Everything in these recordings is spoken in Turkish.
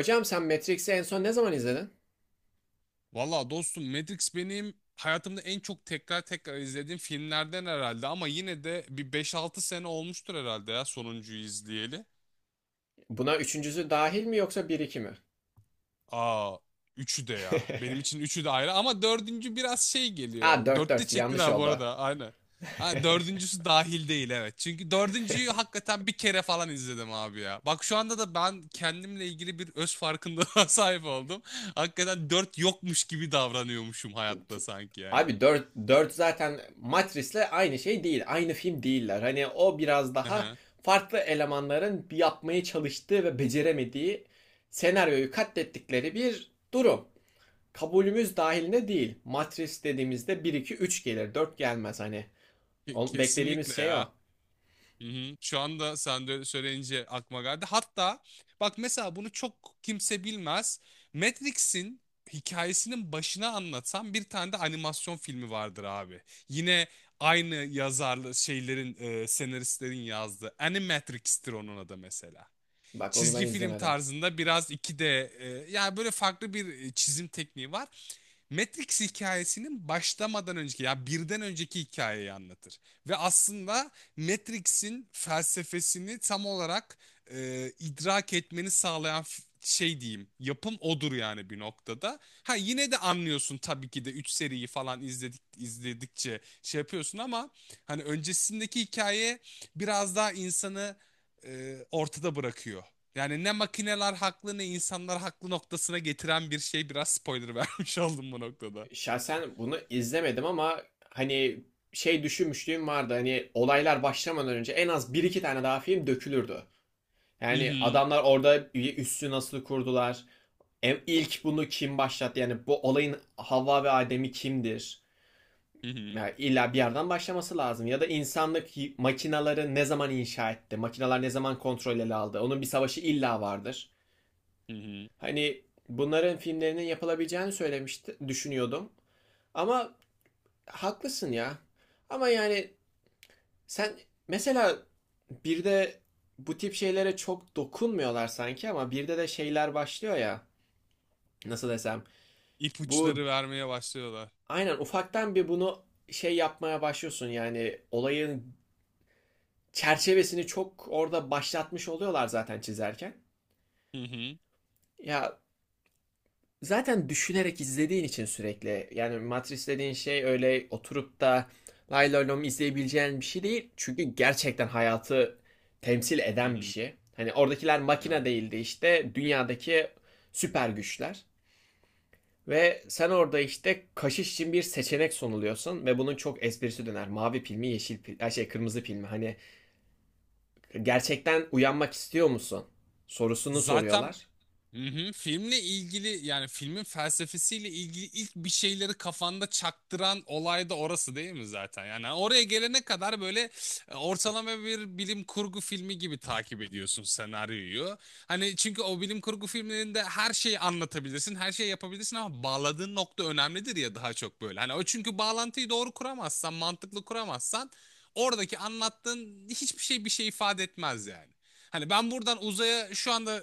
Hocam, sen Matrix'i en son ne zaman izledin? Valla dostum, Matrix benim hayatımda en çok tekrar tekrar izlediğim filmlerden herhalde ama yine de bir beş altı sene olmuştur herhalde ya sonuncuyu izleyeli. Buna üçüncüsü dahil mi yoksa bir iki mi? Aa, üçü de ya. Benim için üçü de ayrı ama dördüncü biraz şey Ha, geliyor. dört 4'te dört yanlış çektiler bu oldu. arada aynen. Ha, dördüncüsü dahil değil, evet. Çünkü dördüncüyü hakikaten bir kere falan izledim abi ya. Bak şu anda da ben kendimle ilgili bir öz farkındalığa sahip oldum. Hakikaten dört yokmuş gibi davranıyormuşum T- hayatta sanki yani. Abi, dört zaten Matrix'le aynı şey değil. Aynı film değiller. Hani o biraz daha farklı elemanların bir yapmaya çalıştığı ve beceremediği, senaryoyu katlettikleri bir durum. Kabulümüz dahilinde değil. Matrix dediğimizde bir 2 3 gelir, 4 gelmez hani. Beklediğimiz Kesinlikle şey o. ya. Hı hı. Şu anda sen de söyleyince aklıma geldi. Hatta bak mesela bunu çok kimse bilmez. Matrix'in hikayesinin başına anlatan bir tane de animasyon filmi vardır abi. Yine aynı yazarlı şeylerin, senaristlerin yazdığı. Animatrix'tir onun adı mesela. Bak, onu ben Çizgi film izlemedim. tarzında biraz yani böyle farklı bir çizim tekniği var. Matrix hikayesinin başlamadan önceki ya birden önceki hikayeyi anlatır. Ve aslında Matrix'in felsefesini tam olarak idrak etmeni sağlayan şey diyeyim, yapım odur yani bir noktada. Ha, yine de anlıyorsun tabii ki de, 3 seriyi falan izledikçe şey yapıyorsun ama hani öncesindeki hikaye biraz daha insanı ortada bırakıyor. Yani ne makineler haklı ne insanlar haklı noktasına getiren bir şey, biraz spoiler vermiş oldum bu noktada. Şahsen bunu izlemedim ama hani şey düşünmüşlüğüm vardı. Hani olaylar başlamadan önce en az bir iki tane daha film dökülürdü. Hı Yani hı, adamlar orada üssü nasıl kurdular? İlk bunu kim başlattı? Yani bu olayın Havva ve Adem'i kimdir? hı hı, Yani illa bir yerden başlaması lazım. Ya da insanlık makinaları ne zaman inşa etti? Makinalar ne zaman kontrol ele aldı? Onun bir savaşı illa vardır. hı hı. Hani bunların filmlerinin yapılabileceğini söylemişti, düşünüyordum. Ama haklısın ya. Ama yani sen mesela bir de bu tip şeylere çok dokunmuyorlar sanki ama birde de şeyler başlıyor ya. Nasıl desem? Bu, İpuçları vermeye başlıyorlar. aynen ufaktan bir bunu şey yapmaya başlıyorsun, yani olayın çerçevesini çok orada başlatmış oluyorlar zaten çizerken. Hı hı, Ya, zaten düşünerek izlediğin için sürekli, yani Matrix dediğin şey öyle oturup da lay lay lom izleyebileceğin bir şey değil. Çünkü gerçekten hayatı temsil hı eden bir hı. şey. Hani oradakiler makine Evet. değildi, işte dünyadaki süper güçler. Ve sen orada işte kaşış için bir seçenek sunuluyorsun ve bunun çok esprisi döner. Mavi pil mi, yeşil pil, ay şey, kırmızı pil mi? Hani gerçekten uyanmak istiyor musun? Sorusunu Zaten. soruyorlar. Hı hı. Filmle ilgili, yani filmin felsefesiyle ilgili ilk bir şeyleri kafanda çaktıran olay da orası değil mi zaten? Yani hani oraya gelene kadar böyle ortalama bir bilim kurgu filmi gibi takip ediyorsun senaryoyu. Hani çünkü o bilim kurgu filmlerinde her şeyi anlatabilirsin, her şeyi yapabilirsin ama bağladığın nokta önemlidir ya, daha çok böyle. Hani o, çünkü bağlantıyı doğru kuramazsan, mantıklı kuramazsan oradaki anlattığın hiçbir şey bir şey ifade etmez yani. Hani ben buradan uzaya şu anda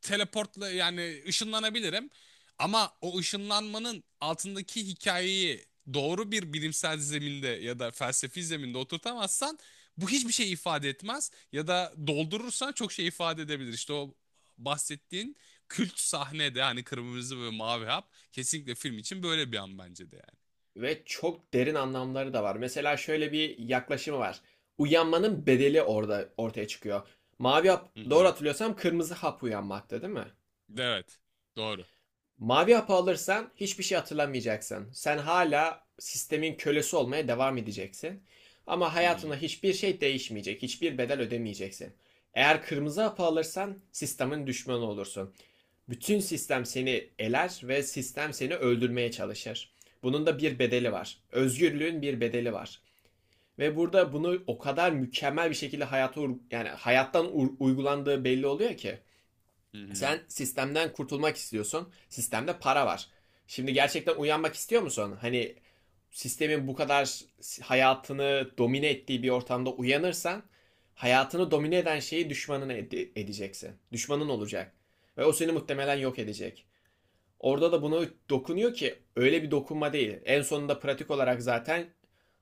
teleportla yani ışınlanabilirim. Ama o ışınlanmanın altındaki hikayeyi doğru bir bilimsel zeminde ya da felsefi zeminde oturtamazsan bu hiçbir şey ifade etmez, ya da doldurursan çok şey ifade edebilir. İşte o bahsettiğin kült sahnede, hani kırmızı ve mavi hap, kesinlikle film için böyle bir an bence de yani. Ve çok derin anlamları da var. Mesela şöyle bir yaklaşımı var. Uyanmanın bedeli orada ortaya çıkıyor. Mavi hap, Hı doğru hı. hatırlıyorsam kırmızı hap uyanmakta değil mi? Evet. Doğru. Mavi hapı alırsan hiçbir şey hatırlamayacaksın. Sen hala sistemin kölesi olmaya devam edeceksin. Ama Hı hı. hayatında hiçbir şey değişmeyecek, hiçbir bedel ödemeyeceksin. Eğer kırmızı hapı alırsan sistemin düşmanı olursun. Bütün sistem seni eler ve sistem seni öldürmeye çalışır. Bunun da bir bedeli var. Özgürlüğün bir bedeli var. Ve burada bunu o kadar mükemmel bir şekilde hayata, yani hayattan uygulandığı belli oluyor ki. Hı hı. Sen sistemden kurtulmak istiyorsun. Sistemde para var. Şimdi gerçekten uyanmak istiyor musun? Hani sistemin bu kadar hayatını domine ettiği bir ortamda uyanırsan, hayatını domine eden şeyi düşmanına edeceksin. Düşmanın olacak. Ve o seni muhtemelen yok edecek. Orada da buna dokunuyor ki öyle bir dokunma değil. En sonunda pratik olarak zaten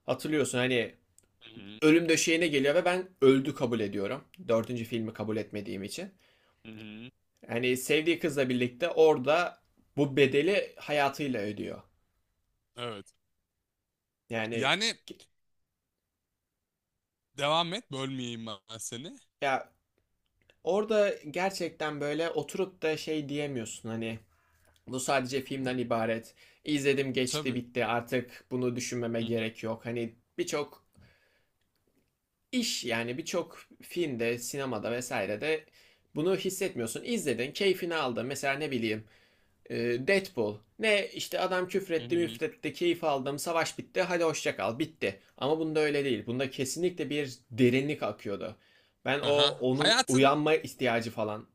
hatırlıyorsun hani, Hı hı. ölüm döşeğine geliyor ve ben öldü kabul ediyorum. Dördüncü filmi kabul etmediğim için. Hı hı. Yani sevdiği kızla birlikte orada bu bedeli hayatıyla ödüyor. Evet. Yani Yani devam et. Bölmeyeyim ben seni. ya, orada gerçekten böyle oturup da şey diyemiyorsun hani, bu sadece filmden ibaret. İzledim, geçti, Tabii. bitti, artık bunu düşünmeme Hı hı. gerek yok. Hani birçok iş, yani birçok filmde, sinemada vesairede bunu hissetmiyorsun. İzledin, keyfini aldın. Mesela ne bileyim, Deadpool. Ne işte, adam Hı küfretti hı. müfretti, keyif aldım, savaş bitti, hadi hoşça kal, bitti. Ama bunda öyle değil. Bunda kesinlikle bir derinlik akıyordu. Ben o Aha. onun uyanma ihtiyacı falan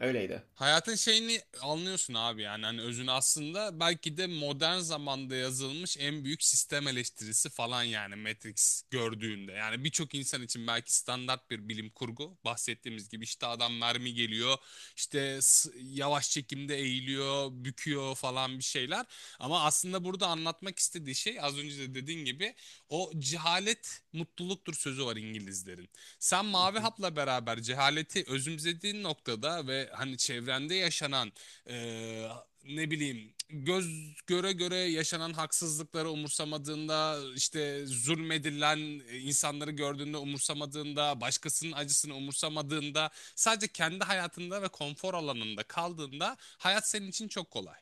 öyleydi. Hayatın şeyini anlıyorsun abi yani hani özünü, aslında belki de modern zamanda yazılmış en büyük sistem eleştirisi falan yani Matrix gördüğünde. Yani birçok insan için belki standart bir bilim kurgu, bahsettiğimiz gibi, işte adam mermi geliyor, işte yavaş çekimde eğiliyor büküyor falan bir şeyler, ama aslında burada anlatmak istediği şey, az önce de dediğin gibi, o cehalet mutluluktur sözü var İngilizlerin. Sen Mavi Hap'la beraber cehaleti özümsediğin noktada ve hani çevrende yaşanan e, ne bileyim göz göre göre yaşanan haksızlıkları umursamadığında, işte zulmedilen insanları gördüğünde umursamadığında, başkasının acısını umursamadığında, sadece kendi hayatında ve konfor alanında kaldığında hayat senin için çok kolay.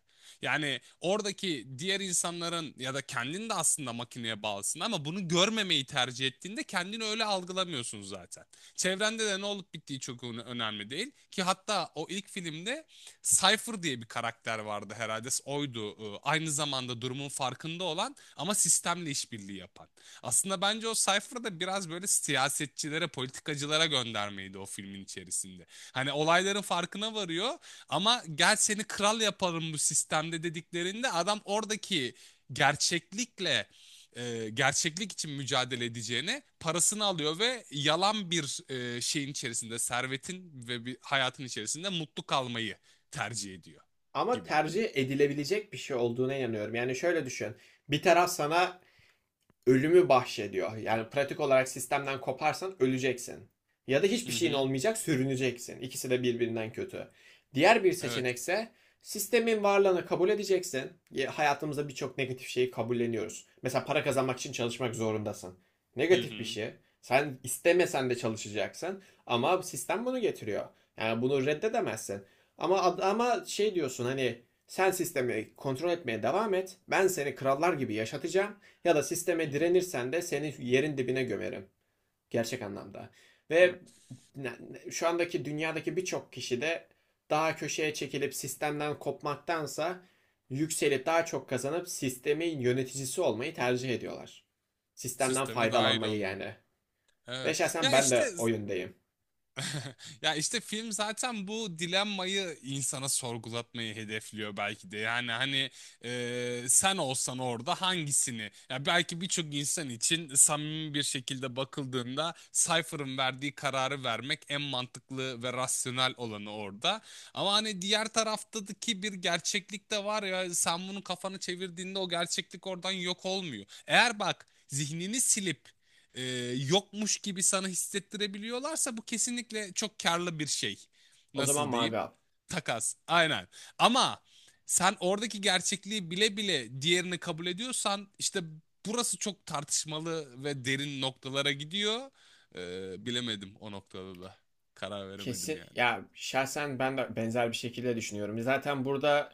Yani oradaki diğer insanların ya da kendin de aslında makineye bağlısın ama bunu görmemeyi tercih ettiğinde kendini öyle algılamıyorsun zaten. Çevrende de ne olup bittiği çok önemli değil ki. Hatta o ilk filmde Cypher diye bir karakter vardı, herhalde oydu. Aynı zamanda durumun farkında olan ama sistemle işbirliği yapan. Aslında bence o Cypher biraz böyle siyasetçilere, politikacılara göndermeydi o filmin içerisinde. Hani olayların farkına varıyor ama "gel seni kral yaparım bu sistemde" dediklerinde adam oradaki gerçeklikle, gerçeklik için mücadele edeceğine parasını alıyor ve yalan bir şeyin içerisinde, servetin ve bir hayatın içerisinde mutlu kalmayı tercih ediyor Ama gibi. tercih edilebilecek bir şey olduğuna inanıyorum. Yani şöyle düşün. Bir taraf sana ölümü bahşediyor. Yani pratik olarak sistemden koparsan öleceksin. Ya da hiçbir Hı şeyin hı. olmayacak, sürüneceksin. İkisi de birbirinden kötü. Diğer bir Evet. seçenekse sistemin varlığını kabul edeceksin. Hayatımızda birçok negatif şeyi kabulleniyoruz. Mesela para kazanmak için çalışmak zorundasın. Hı Negatif bir hı. şey. Sen istemesen de çalışacaksın ama sistem bunu getiriyor. Yani bunu reddedemezsin. Ama şey diyorsun hani, sen sistemi kontrol etmeye devam et. Ben seni krallar gibi yaşatacağım. Ya da Hı sisteme hı. direnirsen de seni yerin dibine gömerim. Gerçek anlamda. Hı. Ve şu andaki dünyadaki birçok kişi de daha köşeye çekilip sistemden kopmaktansa yükselip daha çok kazanıp sistemin yöneticisi olmayı tercih ediyorlar. Sistemden Sisteme dahil faydalanmayı olmuyor. yani. Ve Evet. şahsen Ya ben işte. de o yöndeyim. Ya işte, film zaten bu dilemmayı insana sorgulatmayı hedefliyor belki de. Yani hani, sen olsan orada hangisini? Ya belki birçok insan için samimi bir şekilde bakıldığında Cypher'ın verdiği kararı vermek en mantıklı ve rasyonel olanı orada. Ama hani diğer taraftaki bir gerçeklik de var ya, sen bunu kafanı çevirdiğinde o gerçeklik oradan yok olmuyor. Eğer bak, zihnini silip e, yokmuş gibi sana hissettirebiliyorlarsa bu kesinlikle çok karlı bir şey. O zaman Nasıl mavi diyeyim? al. Takas. Aynen. Ama sen oradaki gerçekliği bile bile diğerini kabul ediyorsan işte burası çok tartışmalı ve derin noktalara gidiyor. Bilemedim o noktada da. Karar veremedim Kesin yani. ya, şahsen ben de benzer bir şekilde düşünüyorum. Zaten burada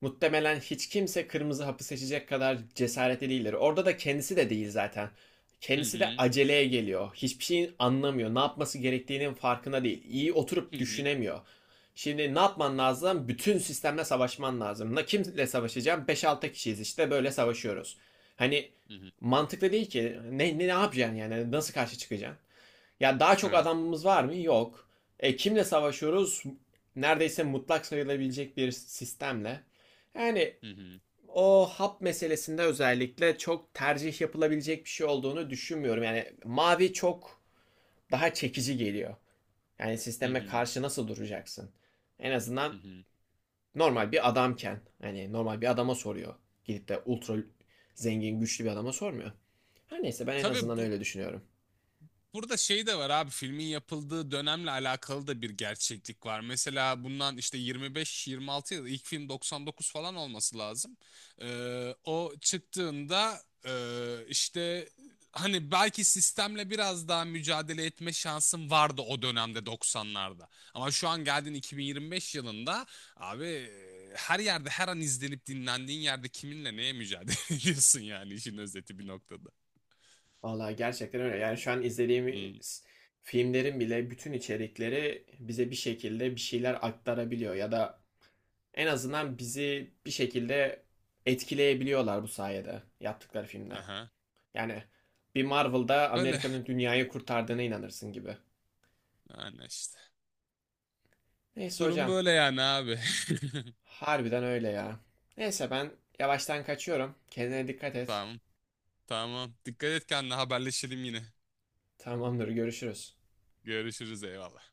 muhtemelen hiç kimse kırmızı hapı seçecek kadar cesaretli değildir. Orada da kendisi de değil zaten. Hı Kendisi de hı. aceleye geliyor. Hiçbir şeyin anlamıyor. Ne yapması gerektiğinin farkında değil. İyi Hı oturup hı. düşünemiyor. Şimdi ne yapman lazım? Bütün sistemle savaşman lazım. Ne, kimle savaşacağım? Beş altı kişiyiz işte, böyle savaşıyoruz. Hani Hı hı. mantıklı değil ki. Ne yapacaksın yani? Nasıl karşı çıkacaksın? Ya daha çok Evet. adamımız var mı? Yok. E, kimle savaşıyoruz? Neredeyse mutlak sayılabilecek bir sistemle. Yani Hı hı. o hap meselesinde özellikle çok tercih yapılabilecek bir şey olduğunu düşünmüyorum. Yani mavi çok daha çekici geliyor. Yani Hı sisteme hı. karşı nasıl duracaksın? En Hı azından hı. normal bir adamken, hani normal bir adama soruyor. Gidip de ultra zengin güçlü bir adama sormuyor. Her neyse, ben en Tabii azından bu öyle düşünüyorum. Burada şey de var abi, filmin yapıldığı dönemle alakalı da bir gerçeklik var. Mesela bundan işte 25-26 yıl, ilk film 99 falan olması lazım. O çıktığında, işte hani belki sistemle biraz daha mücadele etme şansım vardı o dönemde, 90'larda. Ama şu an geldin 2025 yılında abi, her yerde her an izlenip dinlendiğin yerde kiminle neye mücadele ediyorsun yani, işin özeti bir noktada. Vallahi gerçekten öyle. Yani şu an Hmm, izlediğimiz filmlerin bile bütün içerikleri bize bir şekilde bir şeyler aktarabiliyor ya da en azından bizi bir şekilde etkileyebiliyorlar bu sayede yaptıkları filmde. aha. Yani bir Marvel'da Öyle. Amerika'nın dünyayı kurtardığına inanırsın gibi. Yani işte. Neyse Durum hocam, böyle yani abi. harbiden öyle ya. Neyse ben yavaştan kaçıyorum. Kendine dikkat et. Tamam. Tamam. Dikkat et kendine, haberleşelim yine. Tamamdır, görüşürüz. Görüşürüz, eyvallah.